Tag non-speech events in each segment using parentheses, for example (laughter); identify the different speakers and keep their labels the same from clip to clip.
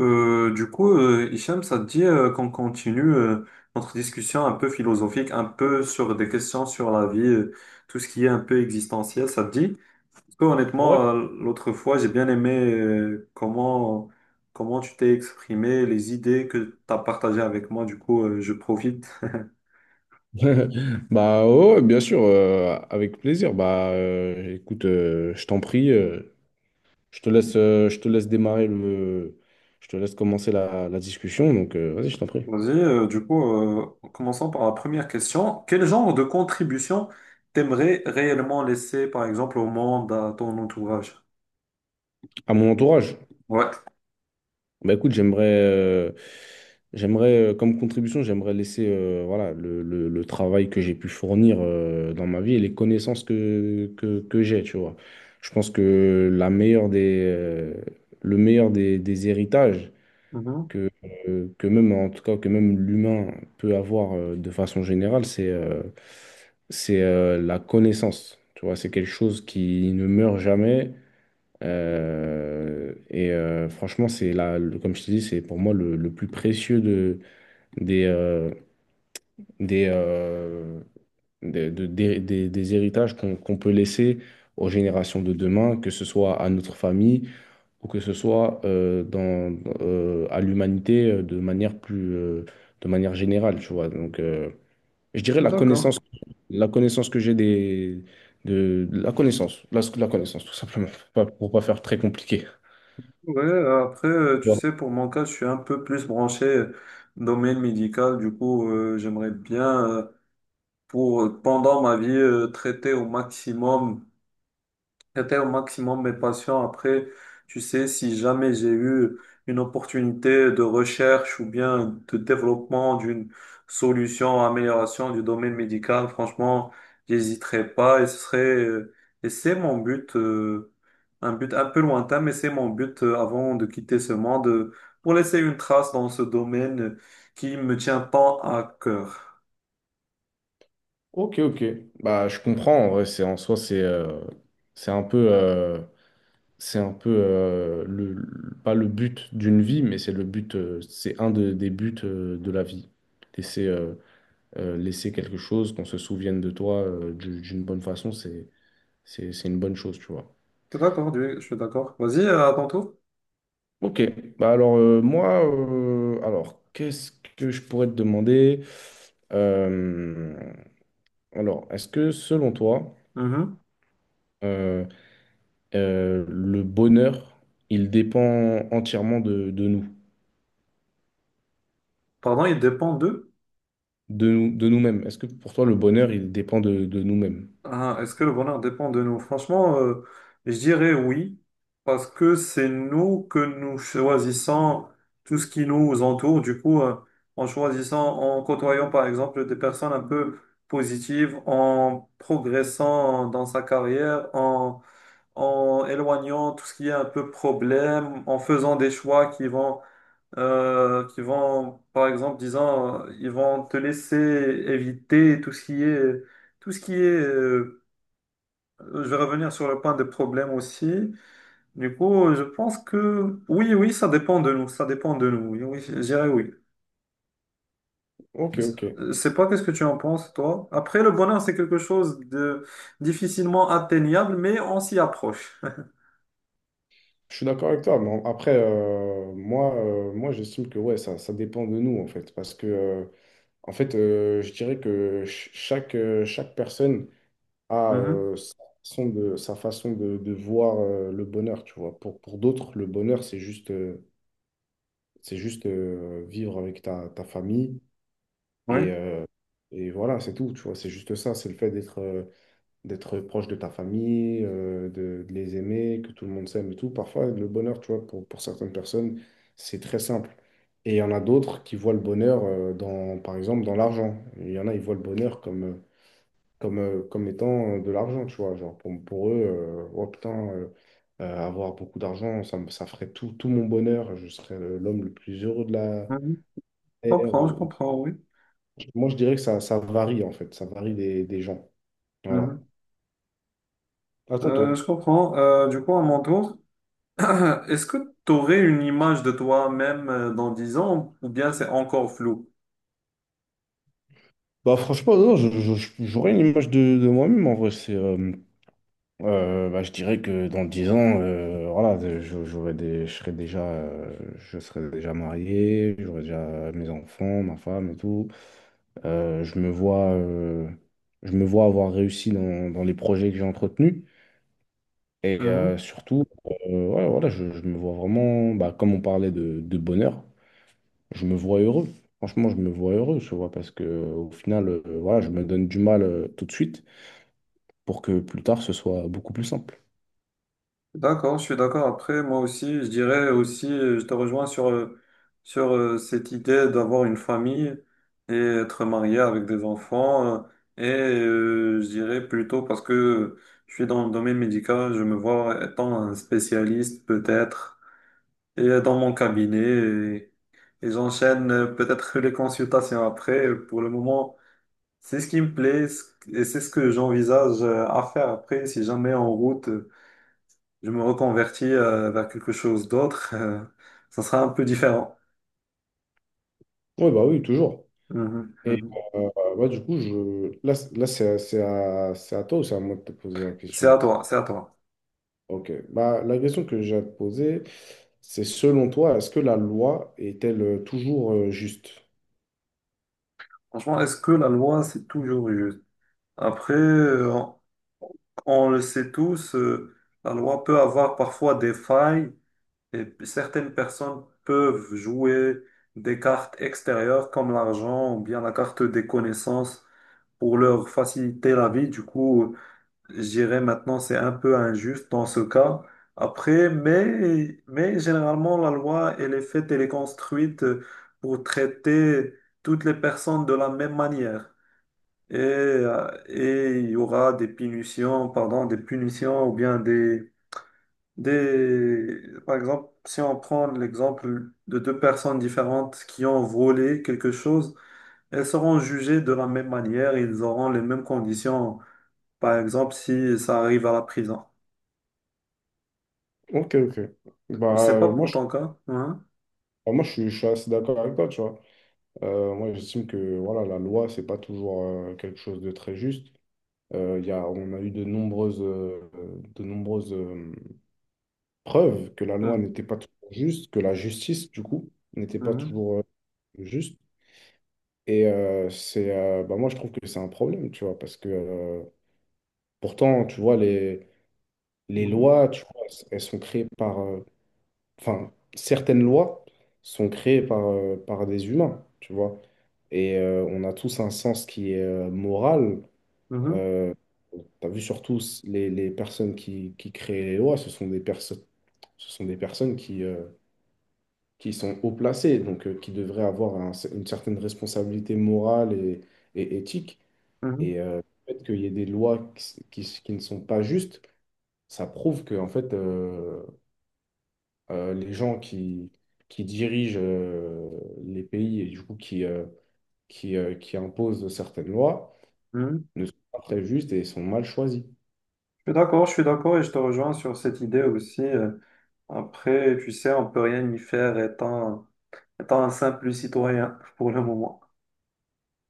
Speaker 1: Hicham, ça te dit qu'on continue notre discussion un peu philosophique, un peu sur des questions sur la vie, tout ce qui est un peu existentiel, ça te dit? Parce que
Speaker 2: Ouais.
Speaker 1: honnêtement, l'autre fois, j'ai bien aimé comment tu t'es exprimé, les idées que tu as partagées avec moi, du coup, je profite.
Speaker 2: (laughs) Bah ouais, ouais, bien sûr, avec plaisir. Écoute, je t'en prie, je te laisse démarrer je te laisse commencer la discussion. Donc vas-y, je t'en
Speaker 1: (laughs)
Speaker 2: prie.
Speaker 1: Vas-y, euh, commençons par la première question. Quel genre de contribution t'aimerais réellement laisser, par exemple, au monde, à ton entourage?
Speaker 2: À mon entourage.
Speaker 1: Ouais.
Speaker 2: Bah écoute, j'aimerais comme contribution, j'aimerais laisser voilà le travail que j'ai pu fournir dans ma vie et les connaissances que j'ai, tu vois. Je pense que le meilleur des héritages.
Speaker 1: Mhm.
Speaker 2: que, que même, en tout cas, que même l'humain peut avoir de façon générale, c'est la connaissance. Tu vois, c'est quelque chose qui ne meurt jamais. Franchement, c'est là, comme je te dis, c'est pour moi le plus précieux de, des, euh, des, euh, des, de- des héritages qu'on peut laisser aux générations de demain, que ce soit à notre famille ou que ce soit à l'humanité de manière générale, tu vois. Donc, je dirais
Speaker 1: D'accord.
Speaker 2: la connaissance que j'ai des, de la connaissance, la connaissance, tout simplement, pour pas faire très compliqué.
Speaker 1: Ouais, après, tu
Speaker 2: Bon.
Speaker 1: sais, pour mon cas, je suis un peu plus branché domaine médical. Du coup, j'aimerais bien, pour, pendant ma vie, traiter au maximum J'étais au maximum mes passions. Après, tu sais, si jamais j'ai eu une opportunité de recherche ou bien de développement d'une solution, amélioration du domaine médical, franchement, j'hésiterai pas et ce serait, euh, et c'est mon but, un but un peu lointain, mais c'est mon but avant de quitter ce monde, pour laisser une trace dans ce domaine qui me tient tant à cœur.
Speaker 2: Ok, ok. Bah, je comprends. En vrai, c'est en soi, c'est un peu, euh, c'est un peu pas le but d'une vie, mais c'est le but, c'est des buts de la vie. Et c'est Laisser quelque chose, qu'on se souvienne de toi d'une bonne façon, c'est une bonne chose, tu vois.
Speaker 1: Je suis d'accord, Dieu, je suis d'accord. Vas-y, à ton tour.
Speaker 2: Ok, bah alors moi, alors qu'est-ce que je pourrais te demander? Euh, alors, est-ce que selon toi,
Speaker 1: Mhm.
Speaker 2: euh, le bonheur, il dépend entièrement de nous,
Speaker 1: Pardon, il dépend d'eux.
Speaker 2: de nous-mêmes? Est-ce que pour toi, le bonheur, il dépend de nous-mêmes?
Speaker 1: Ah, est-ce que le bonheur dépend de nous? Franchement, je dirais oui, parce que c'est nous que nous choisissons tout ce qui nous entoure. Du coup, en choisissant, en côtoyant par exemple des personnes un peu positives, en progressant dans sa carrière, en, en éloignant tout ce qui est un peu problème, en faisant des choix qui vont, par exemple, disant, ils vont te laisser éviter tout ce qui est, tout ce qui est euh, Je vais revenir sur le point des problèmes aussi. Du coup, je pense que oui, oui, ça dépend de nous. Ça dépend de nous. Oui, oui, je dirais oui.
Speaker 2: Ok, ok.
Speaker 1: Je sais pas qu'est-ce que tu en penses, toi. Après, le bonheur, c'est quelque chose de difficilement atteignable, mais on s'y approche. (laughs)
Speaker 2: Je suis d'accord avec toi, mais après, moi j'estime que ouais, ça dépend de nous, en fait. Parce que, je dirais que chaque, chaque personne a
Speaker 1: Mhm.
Speaker 2: sa sa façon de voir le bonheur, tu vois. Pour d'autres, le bonheur, c'est juste vivre avec ta famille.
Speaker 1: Oui,
Speaker 2: Et, euh, et voilà, c'est tout, tu vois. C'est juste ça, c'est le fait d'être, d'être proche de ta famille, de les aimer, que tout le monde s'aime et tout. Parfois, le bonheur, tu vois, pour certaines personnes, c'est très simple. Et il y en a d'autres qui voient le bonheur dans, par exemple, dans l'argent. Il y en a, ils voient le bonheur comme étant de l'argent, tu vois. Genre, pour eux, oh putain, avoir beaucoup d'argent, ça ferait tout, tout mon bonheur. Je serais l'homme le plus heureux de la
Speaker 1: Mhm.
Speaker 2: terre.
Speaker 1: Je comprends, oui.
Speaker 2: Moi, je dirais que ça varie, en fait. Ça varie des gens. Voilà.
Speaker 1: Mhm.
Speaker 2: À ton tour.
Speaker 1: Je comprends. Du coup, à mon tour, (clears throat) est-ce que tu aurais une image de toi-même dans 10 ans ou bien c'est encore flou?
Speaker 2: Bah franchement, non, j'aurais une image de moi-même en vrai. Bah, je dirais que dans 10 ans, voilà, j'aurais des, je serais déjà marié, j'aurais déjà mes enfants, ma femme et tout. Euh, je me vois, euh, je me vois avoir réussi dans les projets que j'ai entretenus.
Speaker 1: Mhm.
Speaker 2: Surtout, ouais, voilà, je me vois vraiment, bah, comme on parlait de bonheur, je me vois heureux. Franchement, je me vois heureux, tu vois, parce que au final, voilà, je me donne du mal tout de suite pour que plus tard ce soit beaucoup plus simple.
Speaker 1: D'accord, je suis d'accord. Après, moi aussi, je dirais aussi, je te rejoins sur, sur cette idée d'avoir une famille et être marié avec des enfants. Et je dirais plutôt parce que je suis dans le domaine médical, je me vois étant un spécialiste peut-être et dans mon cabinet. Et j'enchaîne peut-être (laughs) les consultations après. Pour le moment, c'est ce qui me plaît ce- et c'est ce que j'envisage à faire après si jamais en route je me reconvertis vers quelque chose d'autre, ça sera un peu différent.
Speaker 2: Oui, bah oui, toujours.
Speaker 1: Mhm,
Speaker 2: Et
Speaker 1: mhm.
Speaker 2: euh, ouais, du coup, je... là c'est à toi ou c'est à moi de te poser la
Speaker 1: C'est
Speaker 2: question?
Speaker 1: à toi, c'est à toi.
Speaker 2: Ok. Bah, la question que j'ai à te poser, c'est selon toi, est-ce que la loi est-elle toujours juste?
Speaker 1: Franchement, est-ce que la loi, c'est toujours juste? Après, on le sait tous, la loi peut avoir parfois des failles et p- certaines personnes peuvent jouer des cartes extérieures comme l'argent ou bien la carte des connaissances pour leur faciliter la vie. Du coup, Je dirais maintenant c'est un peu injuste dans ce cas. Après, mais généralement la loi, elle est faite, elle est construite pour traiter toutes les personnes de la même manière. Et il y aura des punitions, pardon, des punitions ou bien des... Par exemple, si on prend l'exemple de deux personnes différentes qui ont volé quelque chose, elles seront jugées de la même manière, ils auront les mêmes conditions, par exemple, si ça arrive à la prison.
Speaker 2: Ok, ok. Bah,
Speaker 1: C'est pas
Speaker 2: euh, moi,
Speaker 1: pour
Speaker 2: je,
Speaker 1: ton cas. Hein?
Speaker 2: Bah, moi, je suis assez d'accord avec toi, tu vois. Moi, j'estime que voilà, la loi, c'est pas toujours quelque chose de très juste. On a eu de nombreuses preuves que la loi
Speaker 1: Hein?
Speaker 2: n'était pas toujours juste, que la justice, du coup, n'était pas
Speaker 1: Mhm.
Speaker 2: toujours juste. Bah, moi, je trouve que c'est un problème, tu vois, parce que pourtant, tu vois, les
Speaker 1: Mhm.
Speaker 2: lois, tu vois, elles sont créées enfin, certaines lois sont créées par des humains, tu vois. Et on a tous un sens qui est moral.
Speaker 1: Mhm.
Speaker 2: Euh, Tu vu surtout les personnes qui créent les lois, ce sont des personnes qui sont haut placées, donc qui devraient avoir une certaine responsabilité morale et éthique.
Speaker 1: Mhm.
Speaker 2: Et euh, le fait qu'il y ait des lois qui ne sont pas justes, ça prouve que en fait, les gens qui dirigent les pays et du coup qui, qui imposent certaines lois
Speaker 1: Mhm.
Speaker 2: ne sont pas très justes et sont mal choisis.
Speaker 1: Je suis d'accord et je te rejoins sur cette idée aussi. Après, tu sais, on peut rien y faire étant, étant un simple citoyen (laughs) pour le moment,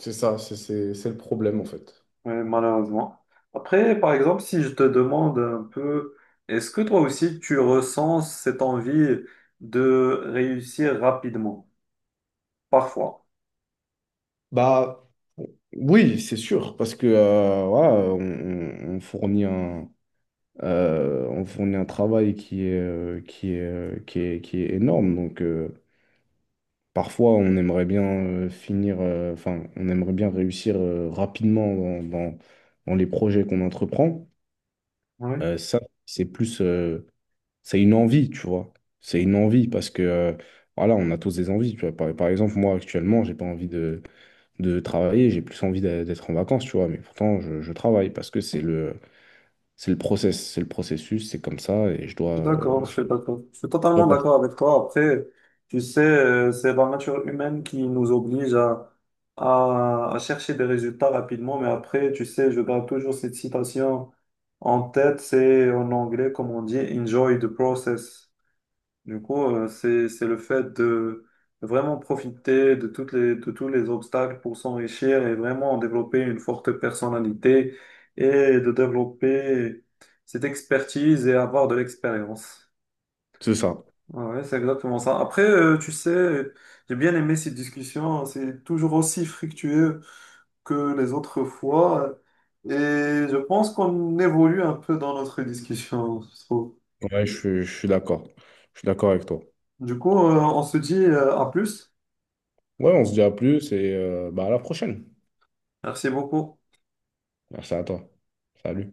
Speaker 2: C'est ça, c'est le problème en fait.
Speaker 1: Ouais, malheureusement. Après, par exemple, si je te demande un peu, est-ce que toi aussi tu ressens cette envie de réussir rapidement, parfois?
Speaker 2: Bah oui, c'est sûr, parce que voilà, on fournit on fournit un travail qui est énorme. Donc parfois, on aimerait bien enfin, on aimerait bien réussir rapidement dans les projets qu'on entreprend.
Speaker 1: Oui.
Speaker 2: Euh, ça, c'est plus, c'est une envie, tu vois. C'est une envie parce que, voilà, on a tous des envies, tu vois. Par exemple, moi, actuellement, j'ai pas envie de travailler, j'ai plus envie d'être en vacances, tu vois. Mais pourtant, je travaille parce que c'est le process, c'est le processus, c'est comme ça et
Speaker 1: Je suis D'accord, je
Speaker 2: je
Speaker 1: suis d'accord. Je suis totalement
Speaker 2: dois passer.
Speaker 1: d'accord avec toi. Après, tu sais, c'est la nature humaine qui nous oblige à chercher des résultats rapidement. Mais après, tu sais, je garde toujours cette citation en tête. C'est en anglais, comme on dit, enjoy the process. Du coup, c'est le fait de vraiment profiter de toutes les, de tous les obstacles pour s'enrichir et vraiment développer une forte personnalité et de développer cette expertise et avoir de l'expérience.
Speaker 2: C'est ça.
Speaker 1: Ah Ouais, c'est exactement ça. Après, tu sais, j'ai bien aimé cette discussion. Hein. C'est toujours aussi fructueux que les autres fois. Et je pense qu'on évolue un peu dans notre discussion, je trouve.
Speaker 2: Ouais, je suis d'accord. Je suis d'accord avec toi.
Speaker 1: Du coup, on se dit, à plus.
Speaker 2: Ouais, on se dit à plus et bah, à la prochaine.
Speaker 1: Merci beaucoup.
Speaker 2: Merci à toi. Salut.